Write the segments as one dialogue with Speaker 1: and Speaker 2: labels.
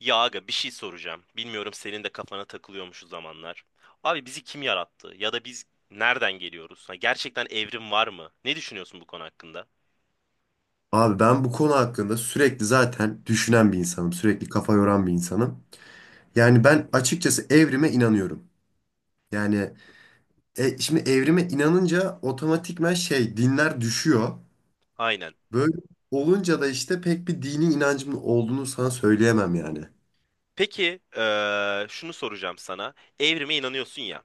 Speaker 1: Ya aga bir şey soracağım. Bilmiyorum senin de kafana takılıyormuş o zamanlar. Abi bizi kim yarattı? Ya da biz nereden geliyoruz? Ha, gerçekten evrim var mı? Ne düşünüyorsun bu konu hakkında?
Speaker 2: Abi ben bu konu hakkında sürekli zaten düşünen bir insanım. Sürekli kafa yoran bir insanım. Yani ben açıkçası evrime inanıyorum. Yani şimdi evrime inanınca otomatikman şey dinler düşüyor.
Speaker 1: Aynen.
Speaker 2: Böyle olunca da işte pek bir dini inancımın olduğunu sana söyleyemem yani.
Speaker 1: Peki şunu soracağım sana. Evrime inanıyorsun ya.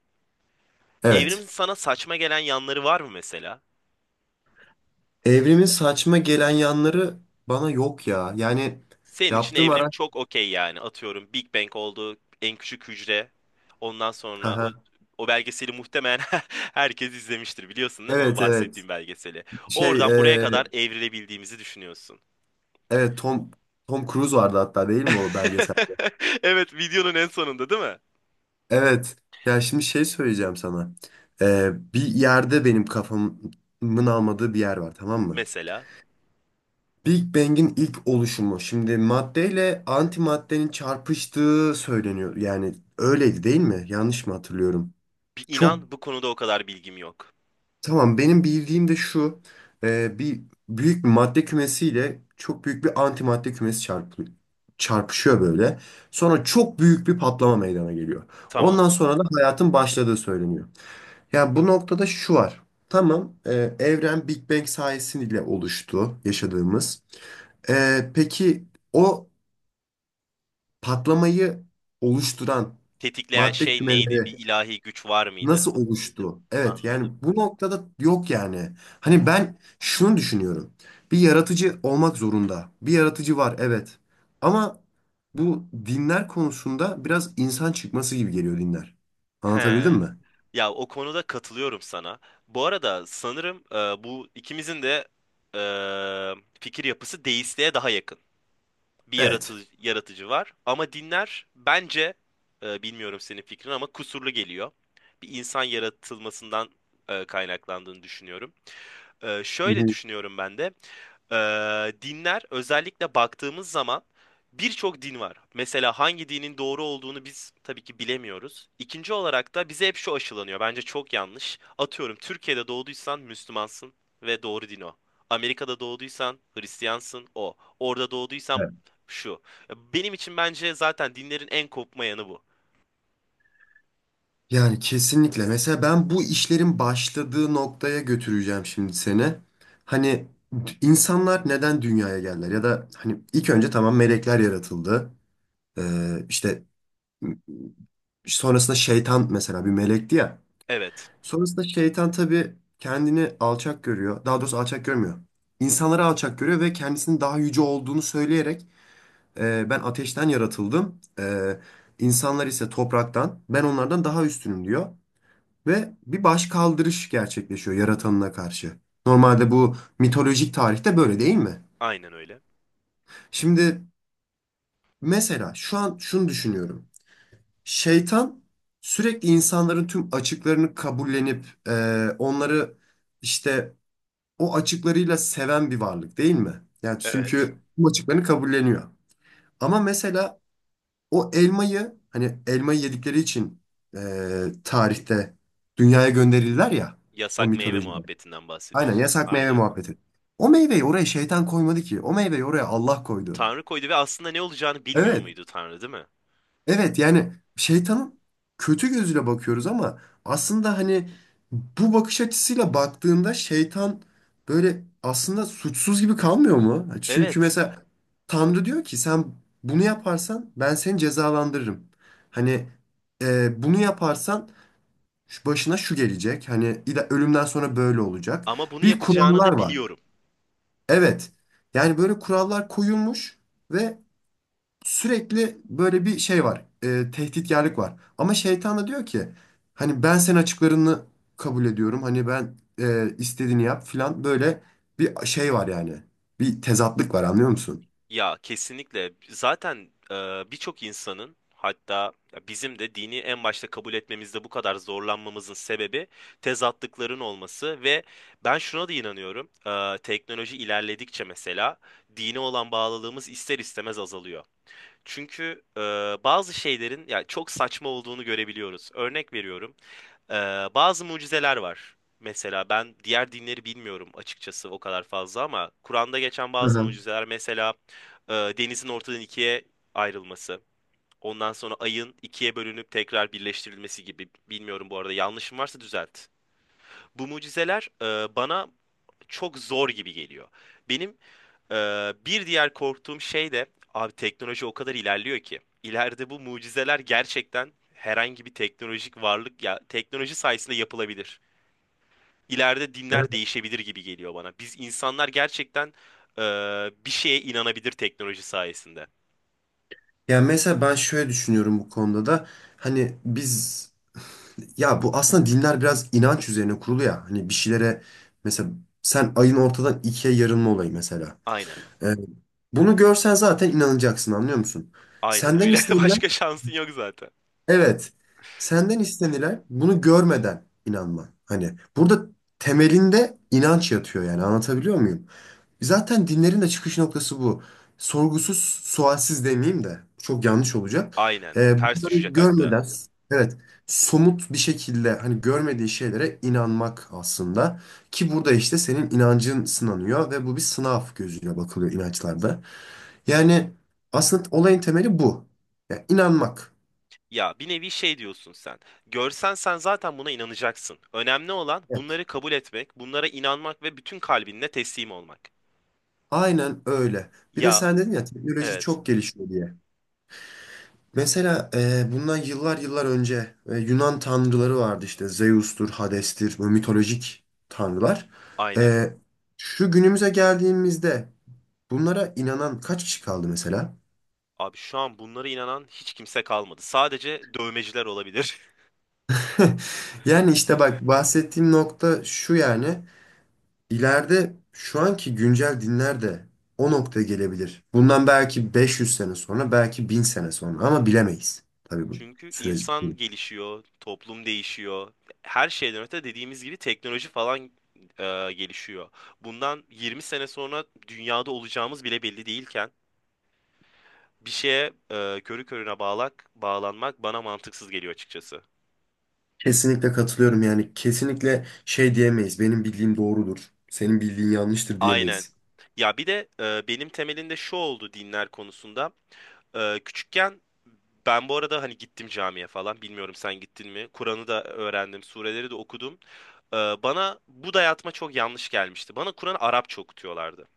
Speaker 1: Evrimin
Speaker 2: Evet.
Speaker 1: sana saçma gelen yanları var mı mesela?
Speaker 2: Evrimin saçma gelen yanları bana yok ya. Yani
Speaker 1: Senin için
Speaker 2: yaptığım
Speaker 1: evrim
Speaker 2: ara...
Speaker 1: çok okey yani. Atıyorum Big Bang oldu, en küçük hücre. Ondan sonra o
Speaker 2: Haha.
Speaker 1: o belgeseli muhtemelen herkes izlemiştir biliyorsun değil mi? o
Speaker 2: Evet, evet.
Speaker 1: Bahsettiğim belgeseli.
Speaker 2: Şey
Speaker 1: Oradan buraya
Speaker 2: e,
Speaker 1: kadar evrilebildiğimizi düşünüyorsun.
Speaker 2: evet, Tom Cruise vardı hatta değil mi o belgesel?
Speaker 1: Evet, videonun en sonunda değil mi?
Speaker 2: Evet. Ya şimdi şey söyleyeceğim sana. Bir yerde benim kafamın almadığı bir yer var, tamam mı?
Speaker 1: Mesela
Speaker 2: Big Bang'in ilk oluşumu. Şimdi maddeyle antimaddenin çarpıştığı söyleniyor. Yani öyleydi değil mi? Yanlış mı hatırlıyorum?
Speaker 1: bir
Speaker 2: Çok
Speaker 1: inan bu konuda o kadar bilgim yok.
Speaker 2: tamam, benim bildiğim de şu. Bir büyük bir madde kümesiyle çok büyük bir antimadde kümesi çarpışıyor böyle. Sonra çok büyük bir patlama meydana geliyor.
Speaker 1: Tamam.
Speaker 2: Ondan sonra da hayatın başladığı söyleniyor. Ya bu noktada şu var. Tamam, evren Big Bang sayesiyle oluştu yaşadığımız. Peki o patlamayı oluşturan
Speaker 1: Tetikleyen
Speaker 2: madde
Speaker 1: şey neydi? Bir
Speaker 2: kümeleri
Speaker 1: ilahi güç var mıydı?
Speaker 2: nasıl oluştu? Evet,
Speaker 1: Anladım.
Speaker 2: yani bu noktada yok yani. Hani ben şunu düşünüyorum. Bir yaratıcı olmak zorunda. Bir yaratıcı var, evet. Ama bu dinler konusunda biraz insan çıkması gibi geliyor dinler.
Speaker 1: He.
Speaker 2: Anlatabildim mi?
Speaker 1: Ya o konuda katılıyorum sana. Bu arada sanırım bu ikimizin de e, fikir yapısı deistliğe daha yakın. Bir
Speaker 2: Evet.
Speaker 1: yaratıcı var ama dinler bence bilmiyorum senin fikrin ama kusurlu geliyor. Bir insan yaratılmasından kaynaklandığını düşünüyorum.
Speaker 2: Hı
Speaker 1: Şöyle
Speaker 2: hı.
Speaker 1: düşünüyorum ben de. Dinler özellikle baktığımız zaman birçok din var. Mesela hangi dinin doğru olduğunu biz tabii ki bilemiyoruz. İkinci olarak da bize hep şu aşılanıyor. Bence çok yanlış. Atıyorum Türkiye'de doğduysan Müslümansın ve doğru din o. Amerika'da doğduysan Hristiyansın o. Orada doğduysan şu. Benim için bence zaten dinlerin en kopma yanı bu.
Speaker 2: Yani kesinlikle. Mesela ben bu işlerin başladığı noktaya götüreceğim şimdi seni. Hani insanlar neden dünyaya geldiler? Ya da hani ilk önce tamam melekler yaratıldı. İşte sonrasında şeytan mesela bir melekti ya.
Speaker 1: Evet,
Speaker 2: Sonrasında şeytan tabii kendini alçak görüyor. Daha doğrusu alçak görmüyor. İnsanları alçak görüyor ve kendisinin daha yüce olduğunu söyleyerek ben ateşten yaratıldım. İnsanlar ise topraktan. Ben onlardan daha üstünüm" diyor ve bir başkaldırış gerçekleşiyor yaratanına karşı. Normalde bu mitolojik tarihte böyle değil mi?
Speaker 1: aynen öyle.
Speaker 2: Şimdi mesela şu an şunu düşünüyorum. Şeytan sürekli insanların tüm açıklarını kabullenip onları işte o açıklarıyla seven bir varlık değil mi? Yani
Speaker 1: Evet.
Speaker 2: çünkü bu açıklarını kabulleniyor. Ama mesela o elmayı hani elmayı yedikleri için tarihte dünyaya gönderirler ya o
Speaker 1: Yasak meyve
Speaker 2: mitolojide.
Speaker 1: muhabbetinden
Speaker 2: Aynen
Speaker 1: bahsediyorsun.
Speaker 2: yasak meyve
Speaker 1: Aynen.
Speaker 2: muhabbeti. O meyveyi oraya şeytan koymadı ki. O meyveyi oraya Allah koydu.
Speaker 1: Tanrı koydu ve aslında ne olacağını bilmiyor
Speaker 2: Evet.
Speaker 1: muydu Tanrı, değil mi?
Speaker 2: Evet yani şeytanın kötü gözüyle bakıyoruz ama aslında hani bu bakış açısıyla baktığında şeytan böyle aslında suçsuz gibi kalmıyor mu? Çünkü
Speaker 1: Evet.
Speaker 2: mesela Tanrı diyor ki sen bunu yaparsan ben seni cezalandırırım. Hani bunu yaparsan şu başına şu gelecek. Hani ölümden sonra böyle olacak.
Speaker 1: Ama bunu
Speaker 2: Bir
Speaker 1: yapacağını
Speaker 2: kurallar
Speaker 1: da
Speaker 2: var.
Speaker 1: biliyorum.
Speaker 2: Evet. Yani böyle kurallar koyulmuş ve sürekli böyle bir şey var. Tehditkarlık var. Ama şeytan da diyor ki hani ben senin açıklarını kabul ediyorum. Hani ben istediğini yap filan böyle bir şey var yani. Bir tezatlık var anlıyor musun?
Speaker 1: Ya kesinlikle. Zaten birçok insanın hatta ya bizim de dini en başta kabul etmemizde bu kadar zorlanmamızın sebebi tezatlıkların olması ve ben şuna da inanıyorum. Teknoloji ilerledikçe mesela dine olan bağlılığımız ister istemez azalıyor. Çünkü bazı şeylerin ya çok saçma olduğunu görebiliyoruz. Örnek veriyorum. Ee, Bazı mucizeler var. Mesela ben diğer dinleri bilmiyorum açıkçası o kadar fazla ama Kur'an'da geçen
Speaker 2: Hı
Speaker 1: bazı
Speaker 2: hı.
Speaker 1: mucizeler mesela denizin ortadan ikiye ayrılması, ondan sonra ayın ikiye bölünüp tekrar birleştirilmesi gibi, bilmiyorum bu arada, yanlışım varsa düzelt. Bu mucizeler bana çok zor gibi geliyor. Benim e, bir diğer korktuğum şey de abi teknoloji o kadar ilerliyor ki ileride bu mucizeler gerçekten herhangi bir teknolojik varlık ya teknoloji sayesinde yapılabilir, ileride dinler
Speaker 2: Evet.
Speaker 1: değişebilir gibi geliyor bana. Biz insanlar gerçekten e, bir şeye inanabilir teknoloji sayesinde.
Speaker 2: Yani mesela ben şöyle düşünüyorum bu konuda da hani biz ya bu aslında dinler biraz inanç üzerine kurulu ya hani bir şeylere mesela sen ayın ortadan ikiye yarılma olayı mesela.
Speaker 1: Aynen.
Speaker 2: Ee, bunu görsen zaten inanacaksın anlıyor musun?
Speaker 1: Aynen
Speaker 2: Senden
Speaker 1: öyle.
Speaker 2: istenilen
Speaker 1: Başka şansın yok zaten.
Speaker 2: evet senden istenilen bunu görmeden inanman. Hani burada temelinde inanç yatıyor yani anlatabiliyor muyum? Zaten dinlerin de çıkış noktası bu. Sorgusuz sualsiz demeyeyim de çok yanlış olacak.
Speaker 1: Aynen. Ters
Speaker 2: Bunları
Speaker 1: düşecek hatta.
Speaker 2: görmeden evet somut bir şekilde hani görmediği şeylere inanmak aslında. Ki burada işte senin inancın sınanıyor ve bu bir sınav gözüyle bakılıyor inançlarda. Yani aslında olayın temeli bu. Yani inanmak.
Speaker 1: Ya bir nevi şey diyorsun sen. Görsen sen zaten buna inanacaksın. Önemli olan
Speaker 2: Evet.
Speaker 1: bunları kabul etmek, bunlara inanmak ve bütün kalbinle teslim olmak.
Speaker 2: Aynen öyle. Bir de
Speaker 1: Ya
Speaker 2: sen dedin ya teknoloji
Speaker 1: evet.
Speaker 2: çok gelişiyor diye. Mesela bundan yıllar yıllar önce Yunan tanrıları vardı işte Zeus'tur, Hades'tir, bu mitolojik tanrılar.
Speaker 1: Aynen.
Speaker 2: E, şu günümüze geldiğimizde bunlara inanan kaç kişi kaldı mesela?
Speaker 1: Abi şu an bunlara inanan hiç kimse kalmadı. Sadece dövmeciler olabilir.
Speaker 2: Yani işte bak bahsettiğim nokta şu yani İleride şu anki güncel dinler de o noktaya gelebilir. Bundan belki 500 sene sonra, belki 1000 sene sonra ama bilemeyiz. Tabii bu
Speaker 1: Çünkü
Speaker 2: süreci.
Speaker 1: insan gelişiyor, toplum değişiyor. Her şeyden öte dediğimiz gibi teknoloji falan gelişiyor. Bundan 20 sene sonra dünyada olacağımız bile belli değilken bir şeye körü körüne bağlanmak bana mantıksız geliyor açıkçası.
Speaker 2: Kesinlikle katılıyorum yani kesinlikle şey diyemeyiz. Benim bildiğim doğrudur. Senin bildiğin yanlıştır
Speaker 1: Aynen.
Speaker 2: diyemeyiz.
Speaker 1: Ya bir de benim temelinde şu oldu dinler konusunda. Küçükken ben bu arada hani gittim camiye falan. Bilmiyorum sen gittin mi? Kur'an'ı da öğrendim, sureleri de okudum. Ee, Bana bu dayatma çok yanlış gelmişti. Bana Kur'an Arapça okutuyorlardı.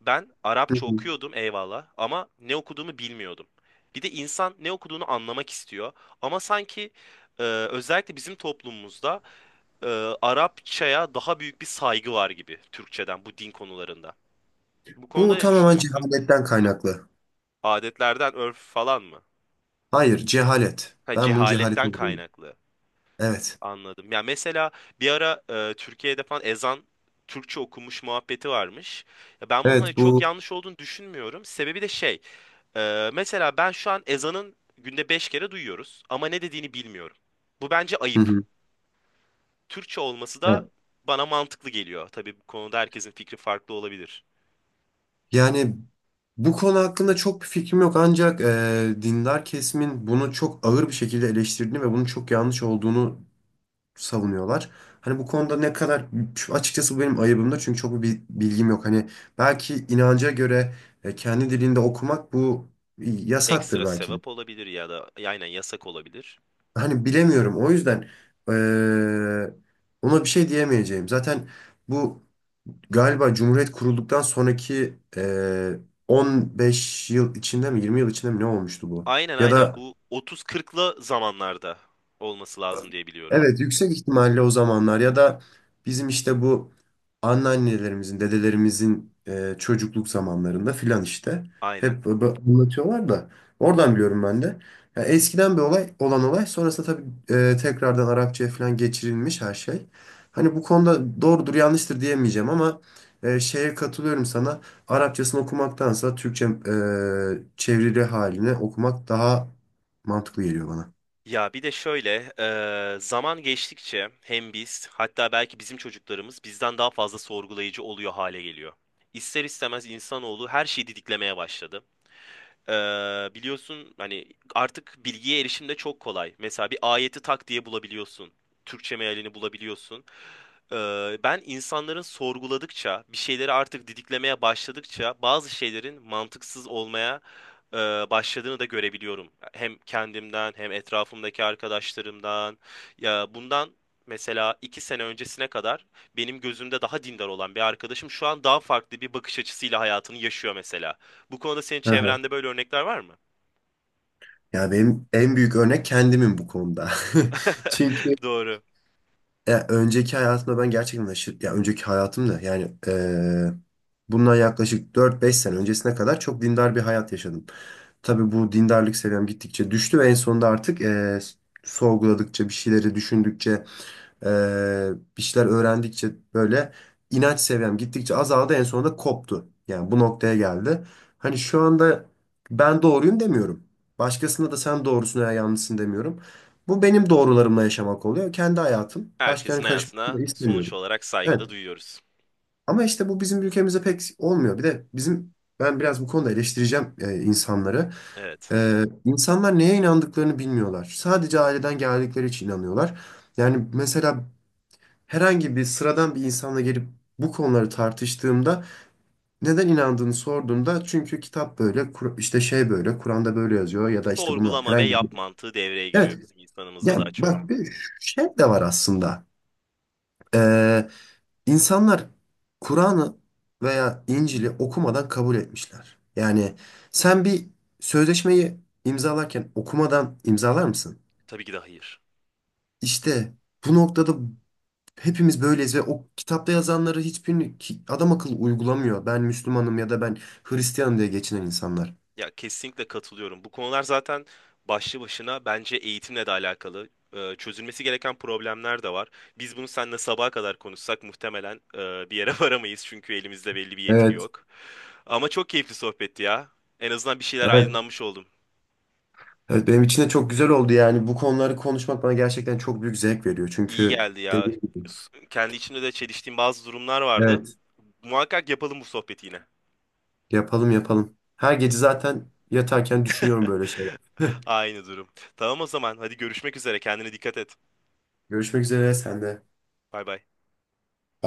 Speaker 1: Ben
Speaker 2: Hı
Speaker 1: Arapça
Speaker 2: hı.
Speaker 1: okuyordum eyvallah ama ne okuduğumu bilmiyordum. Bir de insan ne okuduğunu anlamak istiyor. Ama sanki özellikle bizim toplumumuzda e, Arapçaya daha büyük bir saygı var gibi Türkçeden bu din konularında. Bu konuda
Speaker 2: Bu
Speaker 1: ne
Speaker 2: tamamen
Speaker 1: düşünüyorsun?
Speaker 2: cehaletten kaynaklı.
Speaker 1: Adetlerden, örf falan mı?
Speaker 2: Hayır, cehalet.
Speaker 1: Ha,
Speaker 2: Ben bunu cehalete
Speaker 1: cehaletten
Speaker 2: buluyorum.
Speaker 1: kaynaklı.
Speaker 2: Evet.
Speaker 1: Anladım. Ya mesela bir ara Türkiye'de falan ezan Türkçe okumuş muhabbeti varmış. Ya ben bunun hani
Speaker 2: Evet
Speaker 1: çok
Speaker 2: bu.
Speaker 1: yanlış olduğunu düşünmüyorum. Sebebi de şey, mesela ben şu an ezanın günde 5 kere duyuyoruz ama ne dediğini bilmiyorum. Bu bence
Speaker 2: Hı
Speaker 1: ayıp.
Speaker 2: hı.
Speaker 1: Türkçe olması da bana mantıklı geliyor. Tabii bu konuda herkesin fikri farklı olabilir.
Speaker 2: Yani bu konu hakkında çok bir fikrim yok, ancak dindar kesimin bunu çok ağır bir şekilde eleştirdiğini ve bunun çok yanlış olduğunu savunuyorlar. Hani bu konuda ne kadar açıkçası bu benim ayıbımda çünkü çok bir bilgim yok. Hani belki inanca göre kendi dilinde okumak bu yasaktır
Speaker 1: Ekstra
Speaker 2: belki de.
Speaker 1: sevap olabilir ya da aynen yasak olabilir.
Speaker 2: Hani bilemiyorum. O yüzden eee, ona bir şey diyemeyeceğim. Zaten bu galiba Cumhuriyet kurulduktan sonraki 15 yıl içinde mi 20 yıl içinde mi ne olmuştu bu?
Speaker 1: Aynen,
Speaker 2: Ya
Speaker 1: aynen,
Speaker 2: da
Speaker 1: bu 30-40'lı zamanlarda olması lazım diye biliyorum.
Speaker 2: evet, yüksek ihtimalle o zamanlar ya da bizim işte bu anneannelerimizin, dedelerimizin çocukluk zamanlarında filan işte
Speaker 1: Aynen.
Speaker 2: hep anlatıyorlar da oradan biliyorum ben de. Ya eskiden bir olay olan olay sonrasında tabii tekrardan Arapçaya falan geçirilmiş her şey. Hani bu konuda doğrudur yanlıştır diyemeyeceğim ama şeye katılıyorum sana. Arapçasını okumaktansa Türkçe çevrili halini okumak daha mantıklı geliyor bana.
Speaker 1: Ya bir de şöyle, zaman geçtikçe hem biz hatta belki bizim çocuklarımız bizden daha fazla sorgulayıcı oluyor hale geliyor. İster istemez insanoğlu her şeyi didiklemeye başladı. Biliyorsun hani artık bilgiye erişim de çok kolay. Mesela bir ayeti tak diye bulabiliyorsun. Türkçe mealini bulabiliyorsun. Ben insanların sorguladıkça, bir şeyleri artık didiklemeye başladıkça bazı şeylerin mantıksız olmaya e, başladığını da görebiliyorum. Hem kendimden hem etrafımdaki arkadaşlarımdan. Ya bundan mesela 2 sene öncesine kadar benim gözümde daha dindar olan bir arkadaşım şu an daha farklı bir bakış açısıyla hayatını yaşıyor mesela. Bu konuda senin çevrende böyle örnekler var mı?
Speaker 2: Ya benim en büyük örnek kendimim bu konuda. Çünkü
Speaker 1: Doğru.
Speaker 2: ya önceki hayatımda ben gerçekten aşırı, ya önceki hayatımda yani bundan yaklaşık 4-5 sene öncesine kadar çok dindar bir hayat yaşadım. Tabii bu dindarlık seviyem gittikçe düştü ve en sonunda artık sorguladıkça, bir şeyleri düşündükçe, ee, bir şeyler öğrendikçe böyle inanç seviyem gittikçe azaldı, en sonunda koptu. Yani bu noktaya geldi. Hani şu anda ben doğruyum demiyorum. Başkasına da sen doğrusun veya yanlışsın demiyorum. Bu benim doğrularımla yaşamak oluyor. Kendi hayatım.
Speaker 1: Herkesin
Speaker 2: Başkalarının karışmasını
Speaker 1: hayatına
Speaker 2: da
Speaker 1: sonuç
Speaker 2: istemiyorum.
Speaker 1: olarak
Speaker 2: Evet.
Speaker 1: saygıda duyuyoruz.
Speaker 2: Ama işte bu bizim ülkemizde pek olmuyor. Bir de bizim ben biraz bu konuda eleştireceğim insanları.
Speaker 1: Evet.
Speaker 2: İnsanlar neye inandıklarını bilmiyorlar. Sadece aileden geldikleri için inanıyorlar. Yani mesela herhangi bir sıradan bir insanla gelip bu konuları tartıştığımda neden inandığını sorduğumda çünkü kitap böyle işte şey böyle Kur'an'da böyle yazıyor ya da işte bunu
Speaker 1: Sorgulama ve
Speaker 2: herhangi bir
Speaker 1: yap mantığı devreye giriyor
Speaker 2: evet
Speaker 1: bizim insanımızda
Speaker 2: ya
Speaker 1: daha çok.
Speaker 2: bak bir şey de var aslında. Ee, insanlar Kur'an'ı veya İncil'i okumadan kabul etmişler. Yani sen bir sözleşmeyi imzalarken okumadan imzalar mısın?
Speaker 1: Tabii ki de hayır.
Speaker 2: İşte bu noktada hepimiz böyleyiz ve o kitapta yazanları hiçbirini adam akıllı uygulamıyor. Ben Müslümanım ya da ben Hristiyanım diye geçinen insanlar.
Speaker 1: Ya kesinlikle katılıyorum. Bu konular zaten başlı başına bence eğitimle de alakalı. Çözülmesi gereken problemler de var. Biz bunu seninle sabaha kadar konuşsak muhtemelen bir yere varamayız çünkü elimizde belli bir yetki
Speaker 2: Evet,
Speaker 1: yok. Ama çok keyifli sohbetti ya. En azından bir şeyler
Speaker 2: evet.
Speaker 1: aydınlanmış oldu.
Speaker 2: Evet, benim için de çok güzel oldu yani bu konuları konuşmak bana gerçekten çok büyük zevk veriyor.
Speaker 1: İyi
Speaker 2: Çünkü
Speaker 1: geldi ya.
Speaker 2: dediğim gibi
Speaker 1: Kendi içimde de çeliştiğim bazı durumlar vardı.
Speaker 2: evet.
Speaker 1: Muhakkak yapalım bu sohbeti yine.
Speaker 2: Yapalım, yapalım. Her gece zaten yatarken düşünüyorum böyle şeyler.
Speaker 1: Aynı durum. Tamam o zaman. Hadi görüşmek üzere. Kendine dikkat et.
Speaker 2: Görüşmek üzere sen de.
Speaker 1: Bay bay.